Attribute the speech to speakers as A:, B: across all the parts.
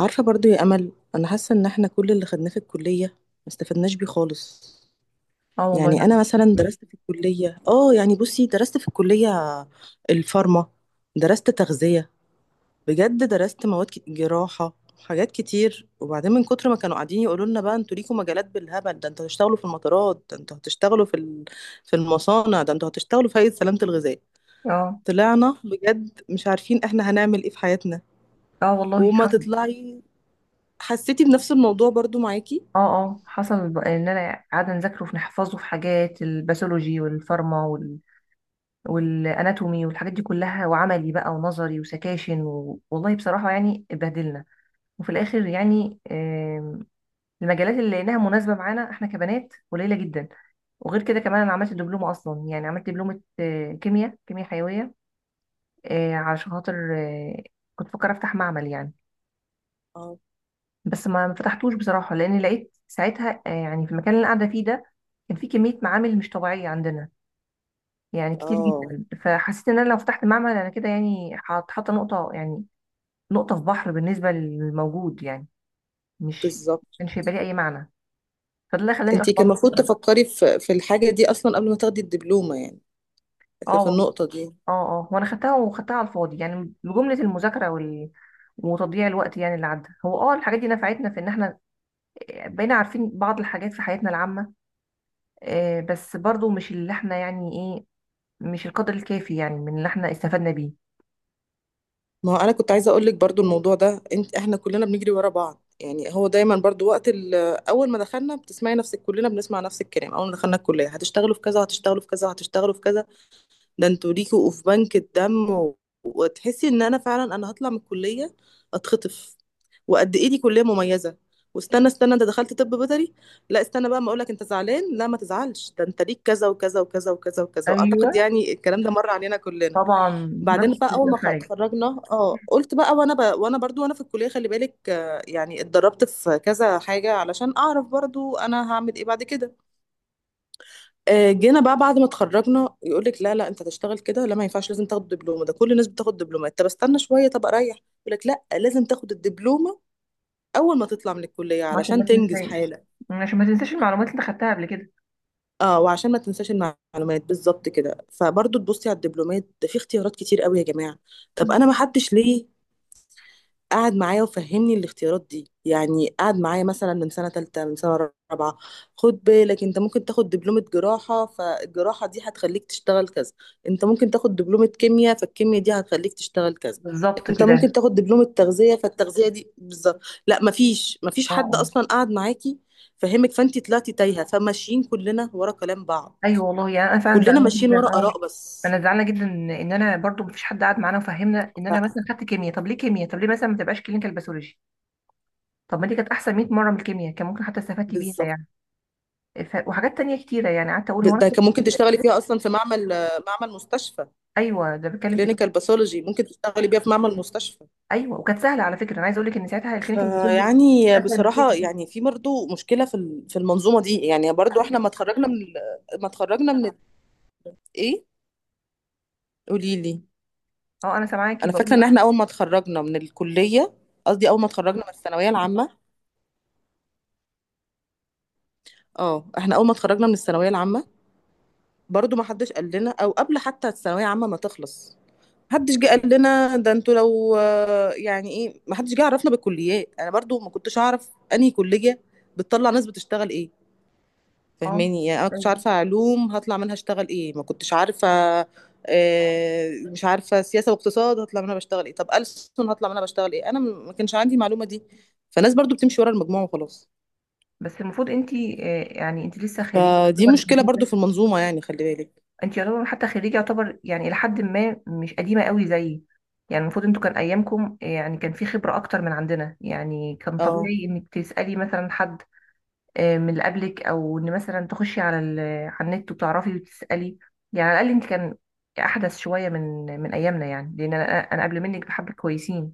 A: عارفة برضو يا أمل، أنا حاسة إن إحنا كل اللي خدناه في الكلية ما استفدناش بيه خالص.
B: اه والله.
A: يعني أنا مثلا درست في الكلية بصي، درست في الكلية الفارما، درست تغذية، بجد درست مواد جراحة، حاجات كتير. وبعدين من كتر ما كانوا قاعدين يقولوا لنا بقى: انتوا ليكوا مجالات بالهبل، ده انتوا هتشتغلوا في المطارات، ده انتوا هتشتغلوا في المصانع، ده انتوا هتشتغلوا في هيئة سلامة الغذاء.
B: اه
A: طلعنا بجد مش عارفين احنا هنعمل ايه في حياتنا.
B: اه والله
A: وما
B: حصل.
A: تطلعي، حسيتي بنفس الموضوع برضو معاكي؟
B: اه اه حصل ان انا قاعده نذاكره في نحفظه في حاجات الباثولوجي والفارما وال والاناتومي والحاجات دي كلها وعملي بقى ونظري وسكاشن و والله بصراحه يعني اتبهدلنا. وفي الاخر يعني المجالات اللي لقيناها مناسبه معانا احنا كبنات قليله جدا. وغير كده كمان انا عملت دبلومه اصلا، يعني عملت دبلومه كيمياء حيويه. علشان خاطر كنت بفكر افتح معمل يعني.
A: اه.
B: بس ما فتحتوش بصراحة، لأن لقيت ساعتها، يعني في المكان اللي أنا قاعدة فيه ده كان في كمية معامل مش طبيعية عندنا، يعني كتير
A: اه
B: جدا. فحسيت إن أنا لو فتحت معمل أنا كده يعني حاطة نقطة يعني، نقطة في بحر بالنسبة للموجود يعني. مش
A: بالظبط.
B: كانش هيبقى ليه أي معنى. فده اللي خلاني
A: انت كان
B: أحبط.
A: المفروض تفكري في الحاجه دي اصلا قبل ما تاخدي الدبلومه يعني، في
B: اه
A: في
B: والله.
A: النقطه دي.
B: اه اه وأنا خدتها، وخدتها على الفاضي يعني بجملة المذاكرة وال وتضييع الوقت. يعني اللي عدى هو اه الحاجات دي نفعتنا في ان احنا بقينا عارفين بعض الحاجات في حياتنا العامة. بس برضو مش اللي احنا يعني إيه، مش القدر الكافي يعني من اللي احنا استفدنا بيه.
A: ما هو انا كنت عايزه اقول لك برضو الموضوع ده، انت احنا كلنا بنجري ورا بعض. يعني هو دايما برضو اول ما دخلنا بتسمعي نفسك كلنا بنسمع نفس الكلام، اول ما دخلنا الكليه: هتشتغلوا في كذا، هتشتغلوا في كذا، هتشتغلوا في كذا، ده انتوا ليكوا في بنك الدم وتحسي ان انا فعلا انا هطلع من الكليه اتخطف، وقد ايه دي كليه مميزه. واستنى استنى، انت دخلت طب بيطري؟ لا استنى بقى ما اقولك، انت زعلان، لا ما تزعلش، ده انت ليك كذا وكذا وكذا وكذا وكذا.
B: ايوه،
A: واعتقد يعني الكلام ده مر علينا كلنا.
B: طبعا.
A: بعدين
B: نفس
A: بقى اول ما
B: الحاجه.
A: اتخرجنا، اه قلت بقى، وانا برضو وانا في الكليه خلي بالك، يعني اتدربت في كذا حاجه علشان اعرف برضو انا هعمل ايه بعد كده. جينا بقى بعد ما اتخرجنا يقول لك لا لا انت هتشتغل كده، لا ما ينفعش لازم تاخد دبلومه، ده كل الناس بتاخد دبلومه. طب استنى شويه، طب اريح، يقول لك لا لازم تاخد الدبلومه اول ما تطلع من الكليه
B: عشان ما
A: علشان تنجز
B: تنساش،
A: حالك.
B: عشان ما تنساش المعلومات اللي انت خدتها قبل كده.
A: اه وعشان ما تنساش المعلومات بالظبط كده. فبرضه تبصي على الدبلومات، ده في اختيارات كتير قوي يا جماعه. طب انا ما حدش ليه قعد معايا وفهمني الاختيارات دي يعني، قعد معايا مثلا من سنة تالتة من سنة رابعة: خد بالك انت ممكن تاخد دبلومة جراحة فالجراحة دي هتخليك تشتغل كذا، انت ممكن تاخد دبلومة كيمياء فالكيمياء دي هتخليك تشتغل كذا،
B: بالظبط
A: انت ممكن
B: كده.
A: تاخد دبلومة تغذية فالتغذية دي بالظبط. لا مفيش
B: اه
A: حد
B: آه.
A: اصلا قعد معاكي فهمك، فانت طلعتي تايهة، فماشيين كلنا ورا كلام بعض.
B: ايوه والله، يعني انا فعلا
A: كلنا
B: زعلانه
A: ماشيين
B: جدا.
A: ورا
B: اه
A: آراء بس.
B: انا زعلانه جدا ان انا برضو مفيش حد قعد معانا وفهمنا ان انا مثلا
A: ف-
B: خدت كيمياء. طب ليه كيمياء؟ طب ليه مثلا ما تبقاش كلينيكال باثولوجي؟ طب ما دي كانت احسن 100 مره من الكيمياء، كان ممكن حتى استفدت بيها
A: بالظبط.
B: يعني. ف وحاجات تانية كتيره يعني قعدت اقول هو
A: ده كان ممكن تشتغلي فيها اصلا في معمل، معمل مستشفى.
B: ايوه ده بتكلم في كده.
A: كلينيكال باثولوجي ممكن تشتغلي بيها في معمل مستشفى.
B: ايوه، وكانت سهله على فكره، انا عايزه اقول لك ان ساعتها الكلينيكال باثولوجي كانت
A: فيعني
B: اسهل من
A: بصراحة
B: الكيمياء.
A: يعني في برضه مشكلة في المنظومة دي. يعني برضه احنا ما اتخرجنا ايه؟ قولي لي.
B: اه انا سامعاكي،
A: انا
B: بقول
A: فاكرة
B: لك
A: ان احنا اول ما اتخرجنا من الكلية، قصدي اول ما اتخرجنا من الثانوية العامة، اه احنا اول ما اتخرجنا من الثانوية العامة برضه ما حدش قال لنا. او قبل حتى الثانوية العامة ما تخلص محدش جه قال لنا ده انتوا لو يعني ايه، محدش جه عرفنا بالكليات. انا برضو ما كنتش اعرف انهي كلية بتطلع ناس بتشتغل ايه،
B: اه
A: فهماني؟ يعني انا كنتش
B: أيوة.
A: عارفه علوم هطلع منها اشتغل ايه، ما كنتش عارفه. مش عارفه سياسه واقتصاد هطلع منها بشتغل ايه، طب ألسن هطلع منها بشتغل ايه. انا ما كانش عندي المعلومه دي. فالناس برضو بتمشي ورا المجموعه وخلاص.
B: بس المفروض انت يعني انت لسه خريجه
A: فدي
B: يعتبر
A: مشكله برضو
B: جديده.
A: في المنظومه يعني، خلي بالك.
B: انت يعتبر حتى خريجه يعتبر يعني الى حد ما مش قديمه قوي زيي. يعني المفروض انتوا كان ايامكم يعني كان في خبره اكتر من عندنا. يعني كان
A: اه.
B: طبيعي انك تسالي مثلا حد من اللي قبلك، او ان مثلا تخشي على على النت وتعرفي وتسالي. يعني على الاقل انت كان احدث شويه من ايامنا، يعني لان انا قبل منك بحبه كويسين.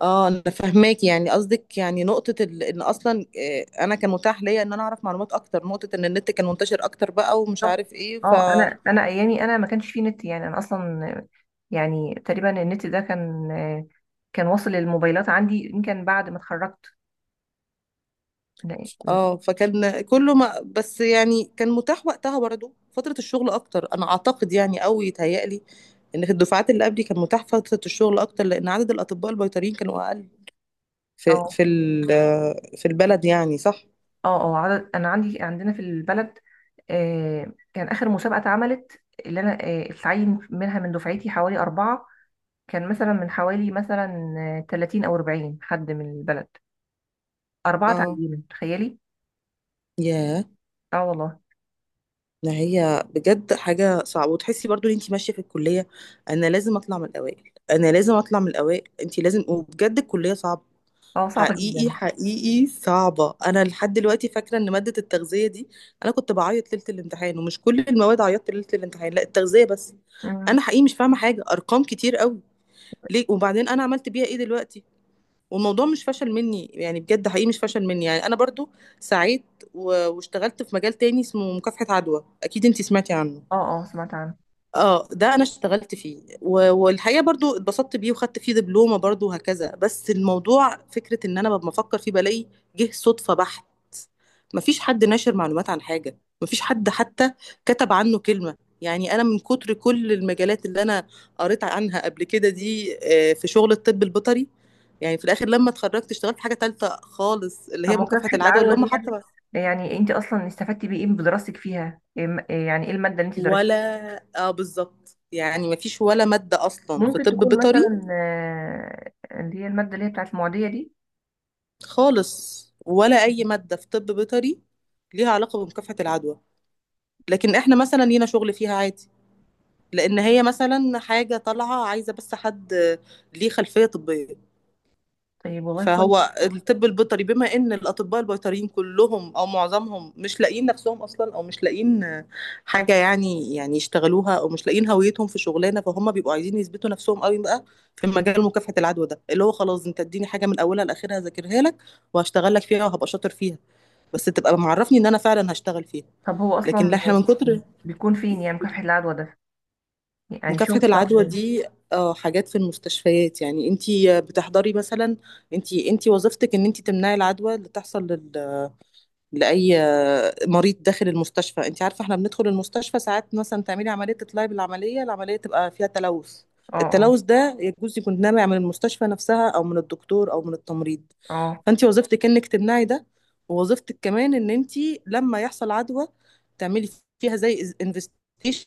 A: اه انا فاهماك، يعني قصدك يعني ان اصلا انا كان متاح ليا ان انا اعرف معلومات اكتر، نقطه ان النت كان منتشر اكتر بقى، ومش
B: بالظبط.
A: عارف ايه.
B: اه انا ايامي انا ما كانش فيه نت. يعني انا اصلا يعني تقريبا النت ده كان واصل للموبايلات عندي يمكن بعد ما اتخرجت. لا-
A: اه فكان كله ما بس، يعني كان متاح وقتها برضه فترة الشغل أكتر أنا أعتقد، يعني أو يتهيألي إن في الدفعات اللي قبلي كان متاح فترة الشغل أكتر، لأن عدد الأطباء البيطريين كانوا أقل
B: اه
A: في البلد يعني، صح؟
B: اه. اه عدد، انا عندي عندنا في البلد كان اخر مسابقه اتعملت اللي انا اتعين منها من دفعتي حوالي اربعه. كان مثلا من حوالي مثلا 30 او 40 حد من البلد اربعه
A: اه.
B: تعينوا، تخيلي.
A: ياه.
B: اه والله.
A: ما هي بجد حاجة صعبة، وتحسي برضو ان انتي ماشية في الكلية انا لازم اطلع من الاوائل، انا لازم اطلع من الاوائل، انتي لازم. وبجد الكلية صعبة،
B: اه صعبه
A: حقيقي
B: جدا.
A: حقيقي صعبة. أنا لحد دلوقتي فاكرة إن مادة التغذية دي، أنا كنت بعيط ليلة الامتحان، ومش كل المواد عيطت ليلة الامتحان، لا التغذية بس.
B: مم.
A: أنا حقيقي مش فاهمة حاجة، أرقام كتير قوي، ليه؟ وبعدين أنا عملت بيها إيه دلوقتي؟ والموضوع مش فشل مني يعني، بجد حقيقي مش فشل مني يعني، أنا برضو سعيت واشتغلت في مجال تاني اسمه مكافحة عدوى، أكيد أنتي سمعتي عنه.
B: اه اه سمعت عنها.
A: اه ده انا اشتغلت فيه والحقيقه برضو اتبسطت بيه، وخدت فيه دبلومه برضو، وهكذا. بس الموضوع فكره ان انا ببقى بفكر فيه بلاقي جه صدفه بحت، مفيش حد ناشر معلومات عن حاجه، مفيش حد حتى كتب عنه كلمه يعني. انا من كتر كل المجالات اللي انا قريت عنها قبل كده دي، في شغل الطب البيطري، يعني في الاخر لما اتخرجت اشتغلت في حاجه تالته خالص اللي
B: طب
A: هي مكافحه
B: مكافحة
A: العدوى، اللي
B: العدوى
A: هم
B: دي
A: حتى
B: يعني انت اصلا استفدتي بايه بدراستك فيها؟ إيه إيه يعني ايه المادة اللي انت
A: ولا.
B: درستيها؟
A: اه بالظبط، يعني مفيش ولا ماده اصلا في
B: ممكن
A: طب
B: تكون
A: بيطري.
B: مثلا اللي هي المادة اللي هي بتاعت المعدية دي؟
A: خالص ولا أي مادة في طب بيطري ليها علاقة بمكافحة العدوى. لكن احنا مثلا لينا شغل فيها عادي، لأن هي مثلا حاجة طالعة عايزة بس حد ليه خلفية طبية.
B: طيب، والله كويس.
A: فهو الطب البيطري، بما إن الأطباء البيطريين كلهم أو معظمهم مش لاقيين نفسهم أصلا، أو مش لاقيين حاجة يعني يعني يشتغلوها، أو مش لاقيين هويتهم في شغلانة، فهم بيبقوا عايزين يثبتوا نفسهم قوي بقى في مجال مكافحة العدوى ده، اللي هو خلاص أنت اديني حاجة من أولها لآخرها ذاكرها لك وهشتغل لك فيها وهبقى شاطر فيها، بس تبقى معرفني ان انا فعلا هشتغل فيها.
B: طب هو
A: لكن لا
B: اصلا
A: احنا من كتر.
B: بيكون فين يعني مكافحة العدوى ده؟ يعني شغل
A: مكافحة
B: بتاعه
A: العدوى
B: فين؟
A: دي اه حاجات في المستشفيات، يعني انتي بتحضري مثلا، انتي وظيفتك ان انتي تمنعي العدوى اللي تحصل لاي مريض داخل المستشفى. انت عارفه احنا بندخل المستشفى ساعات مثلا تعملي عمليه، تطلعي بالعمليه، العمليه تبقى فيها تلوث.
B: اه اه
A: التلوث ده يجوز يكون نابع من المستشفى نفسها او من الدكتور او من التمريض.
B: اه.
A: فانت وظيفتك انك تمنعي ده، ووظيفتك كمان ان انت لما يحصل عدوى تعملي فيها زي انفستيشن،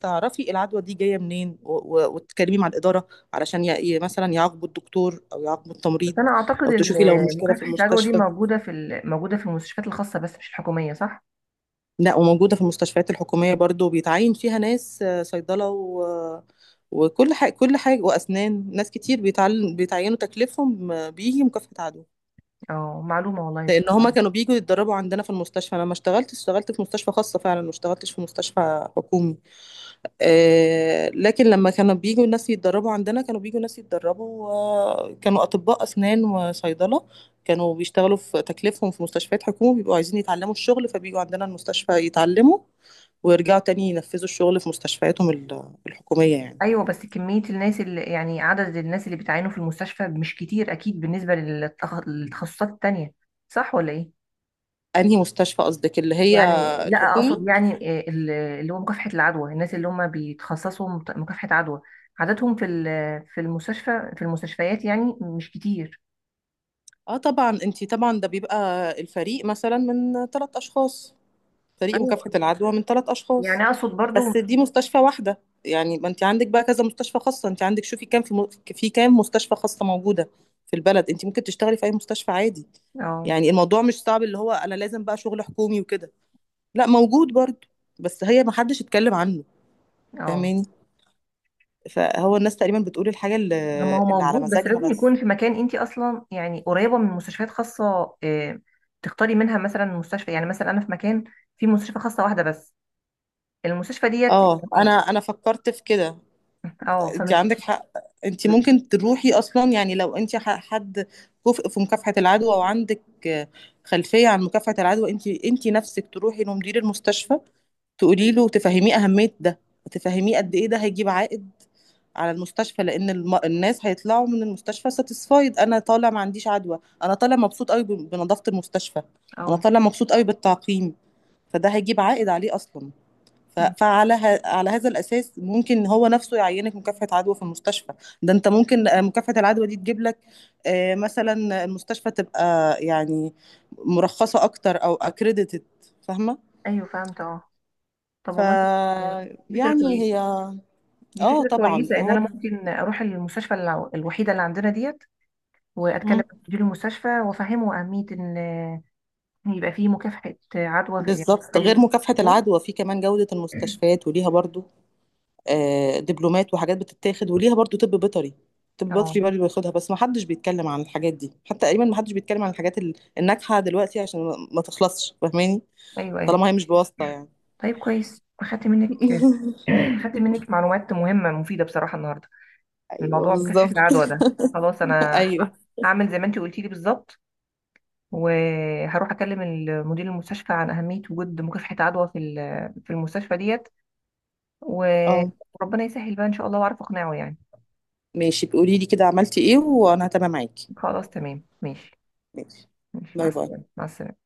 A: تعرفي العدوى دي جايه منين، وتتكلمي مع الاداره علشان مثلا يعاقبوا الدكتور او يعاقبوا
B: بس
A: التمريض،
B: انا اعتقد
A: او تشوفي لو مشكله في
B: مكافحة العدوى دي
A: المستشفى.
B: موجودة في موجودة في المستشفيات الخاصة بس مش الحكومية، صح؟
A: لا، وموجودة في المستشفيات الحكومية برضو، بيتعين فيها ناس صيدلة وكل حاجة كل حاجة وأسنان، ناس كتير بيتعينوا تكليفهم بيجي مكافحة عدوى.
B: اه معلومة والله.
A: لأن هما كانوا بيجوا يتدربوا عندنا في المستشفى. أنا ما اشتغلتش، اشتغلت في مستشفى خاصة، فعلا ما اشتغلتش في مستشفى حكومي. لكن لما كانوا بيجوا ناس يتدربوا عندنا، كانوا بيجوا ناس يتدربوا، كانوا أطباء أسنان وصيدلة، كانوا بيشتغلوا في تكليفهم في مستشفيات حكومة، بيبقوا عايزين يتعلموا الشغل، فبيجوا عندنا المستشفى يتعلموا ويرجعوا تاني ينفذوا الشغل في مستشفياتهم الحكومية يعني.
B: ايوه بس كميه الناس اللي يعني عدد الناس اللي بتعانوا في المستشفى مش كتير اكيد بالنسبه للتخصصات التانية، صح ولا ايه؟
A: أنهي مستشفى قصدك؟ اللي هي
B: يعني لا
A: الحكومي؟
B: اقصد يعني اللي هو مكافحه العدوى، الناس اللي هم بيتخصصوا مكافحه عدوى عددهم في في المستشفى في المستشفيات يعني مش كتير.
A: اه طبعا انتي، طبعا ده بيبقى الفريق مثلا من ثلاث أشخاص، فريق
B: ايوه
A: مكافحة العدوى من ثلاث
B: يعني
A: أشخاص.
B: اقصد برضو.
A: بس دي مستشفى واحدة. يعني ما أنت عندك بقى كذا مستشفى خاصة، أنت عندك شوفي في كام مستشفى خاصة موجودة في البلد. أنت ممكن تشتغلي في أي مستشفى عادي
B: اه
A: يعني. الموضوع مش صعب اللي هو أنا لازم بقى شغل حكومي وكده، لا موجود برضه، بس هي ما حدش اتكلم عنه.
B: اه
A: فاهماني؟ فهو الناس تقريبا بتقول الحاجة اللي،
B: ما هو
A: اللي على
B: موجود بس
A: مزاجها
B: لازم يكون
A: بس.
B: في مكان انت اصلا يعني قريبه من مستشفيات خاصه تختاري منها مثلا مستشفى. يعني مثلا انا في مكان في مستشفى خاصه واحده بس، المستشفى ديت
A: اه انا
B: يعني.
A: انا فكرت في كده.
B: اه
A: انت
B: فمش
A: عندك حق. انت ممكن تروحي اصلا يعني، لو انت حد كفء في مكافحة العدوى، او عندك آه، خلفية عن مكافحة العدوى، انت نفسك تروحي لمدير المستشفى تقولي له، تفهميه اهمية ده، تفهميه قد ايه ده هيجيب عائد على المستشفى. لان الناس هيطلعوا من المستشفى ساتيسفايد، انا طالع ما عنديش عدوى، انا طالع مبسوط قوي بنظافة المستشفى، انا
B: اه.
A: طالع مبسوط قوي بالتعقيم. فده هيجيب عائد عليه اصلا.
B: مم.
A: على هذا الأساس ممكن هو نفسه يعينك مكافحة عدوى في المستشفى. ده انت ممكن مكافحة العدوى دي تجيب لك، مثلا المستشفى تبقى يعني مرخصة أكتر أو أكريديتد، فاهمة؟
B: ايوه فهمت اه. طب
A: ف
B: والله آه، دي فكره
A: يعني
B: كويسه.
A: هي.
B: دي
A: اه
B: فكره
A: طبعا،
B: كويسه ان
A: هو
B: انا ممكن اروح المستشفى الوحيده اللي عندنا ديت واتكلم
A: مم.
B: مع مدير المستشفى وافهمه اهميه ان يبقى فيه مكافحه عدوى يعني
A: بالظبط.
B: فريق
A: غير
B: مكافحه
A: مكافحة
B: عدوى.
A: العدوى، في كمان جودة المستشفيات وليها برضو دبلومات وحاجات بتتاخد، وليها برضو طب بيطري. طب بيطري
B: اه
A: برضو بياخدها، بس ما حدش بيتكلم عن الحاجات دي، حتى تقريبا ما حدش بيتكلم عن الحاجات الناجحة دلوقتي عشان ما ما تخلصش. فاهماني؟
B: ايوه ايوه.
A: طالما هي مش بواسطة يعني.
B: طيب كويس، اخدت منك اخدت منك معلومات مهمه مفيده بصراحه النهارده من
A: ايوه
B: موضوع مكافحه
A: بالظبط.
B: العدوى ده. خلاص انا
A: ايوه.
B: هعمل زي ما انت قلتي لي بالظبط، وهروح اكلم مدير المستشفى عن اهميه وجود مكافحه عدوى في في المستشفى ديت و-
A: اه
B: وربنا يسهل بقى ان شاء الله واعرف اقنعه يعني.
A: ماشي، بقولي لي كده عملتي ايه وانا هتابع معاكي.
B: خلاص تمام ماشي.
A: ماشي.
B: ماشي مع
A: باي
B: السلامه،
A: باي.
B: مع السلامه.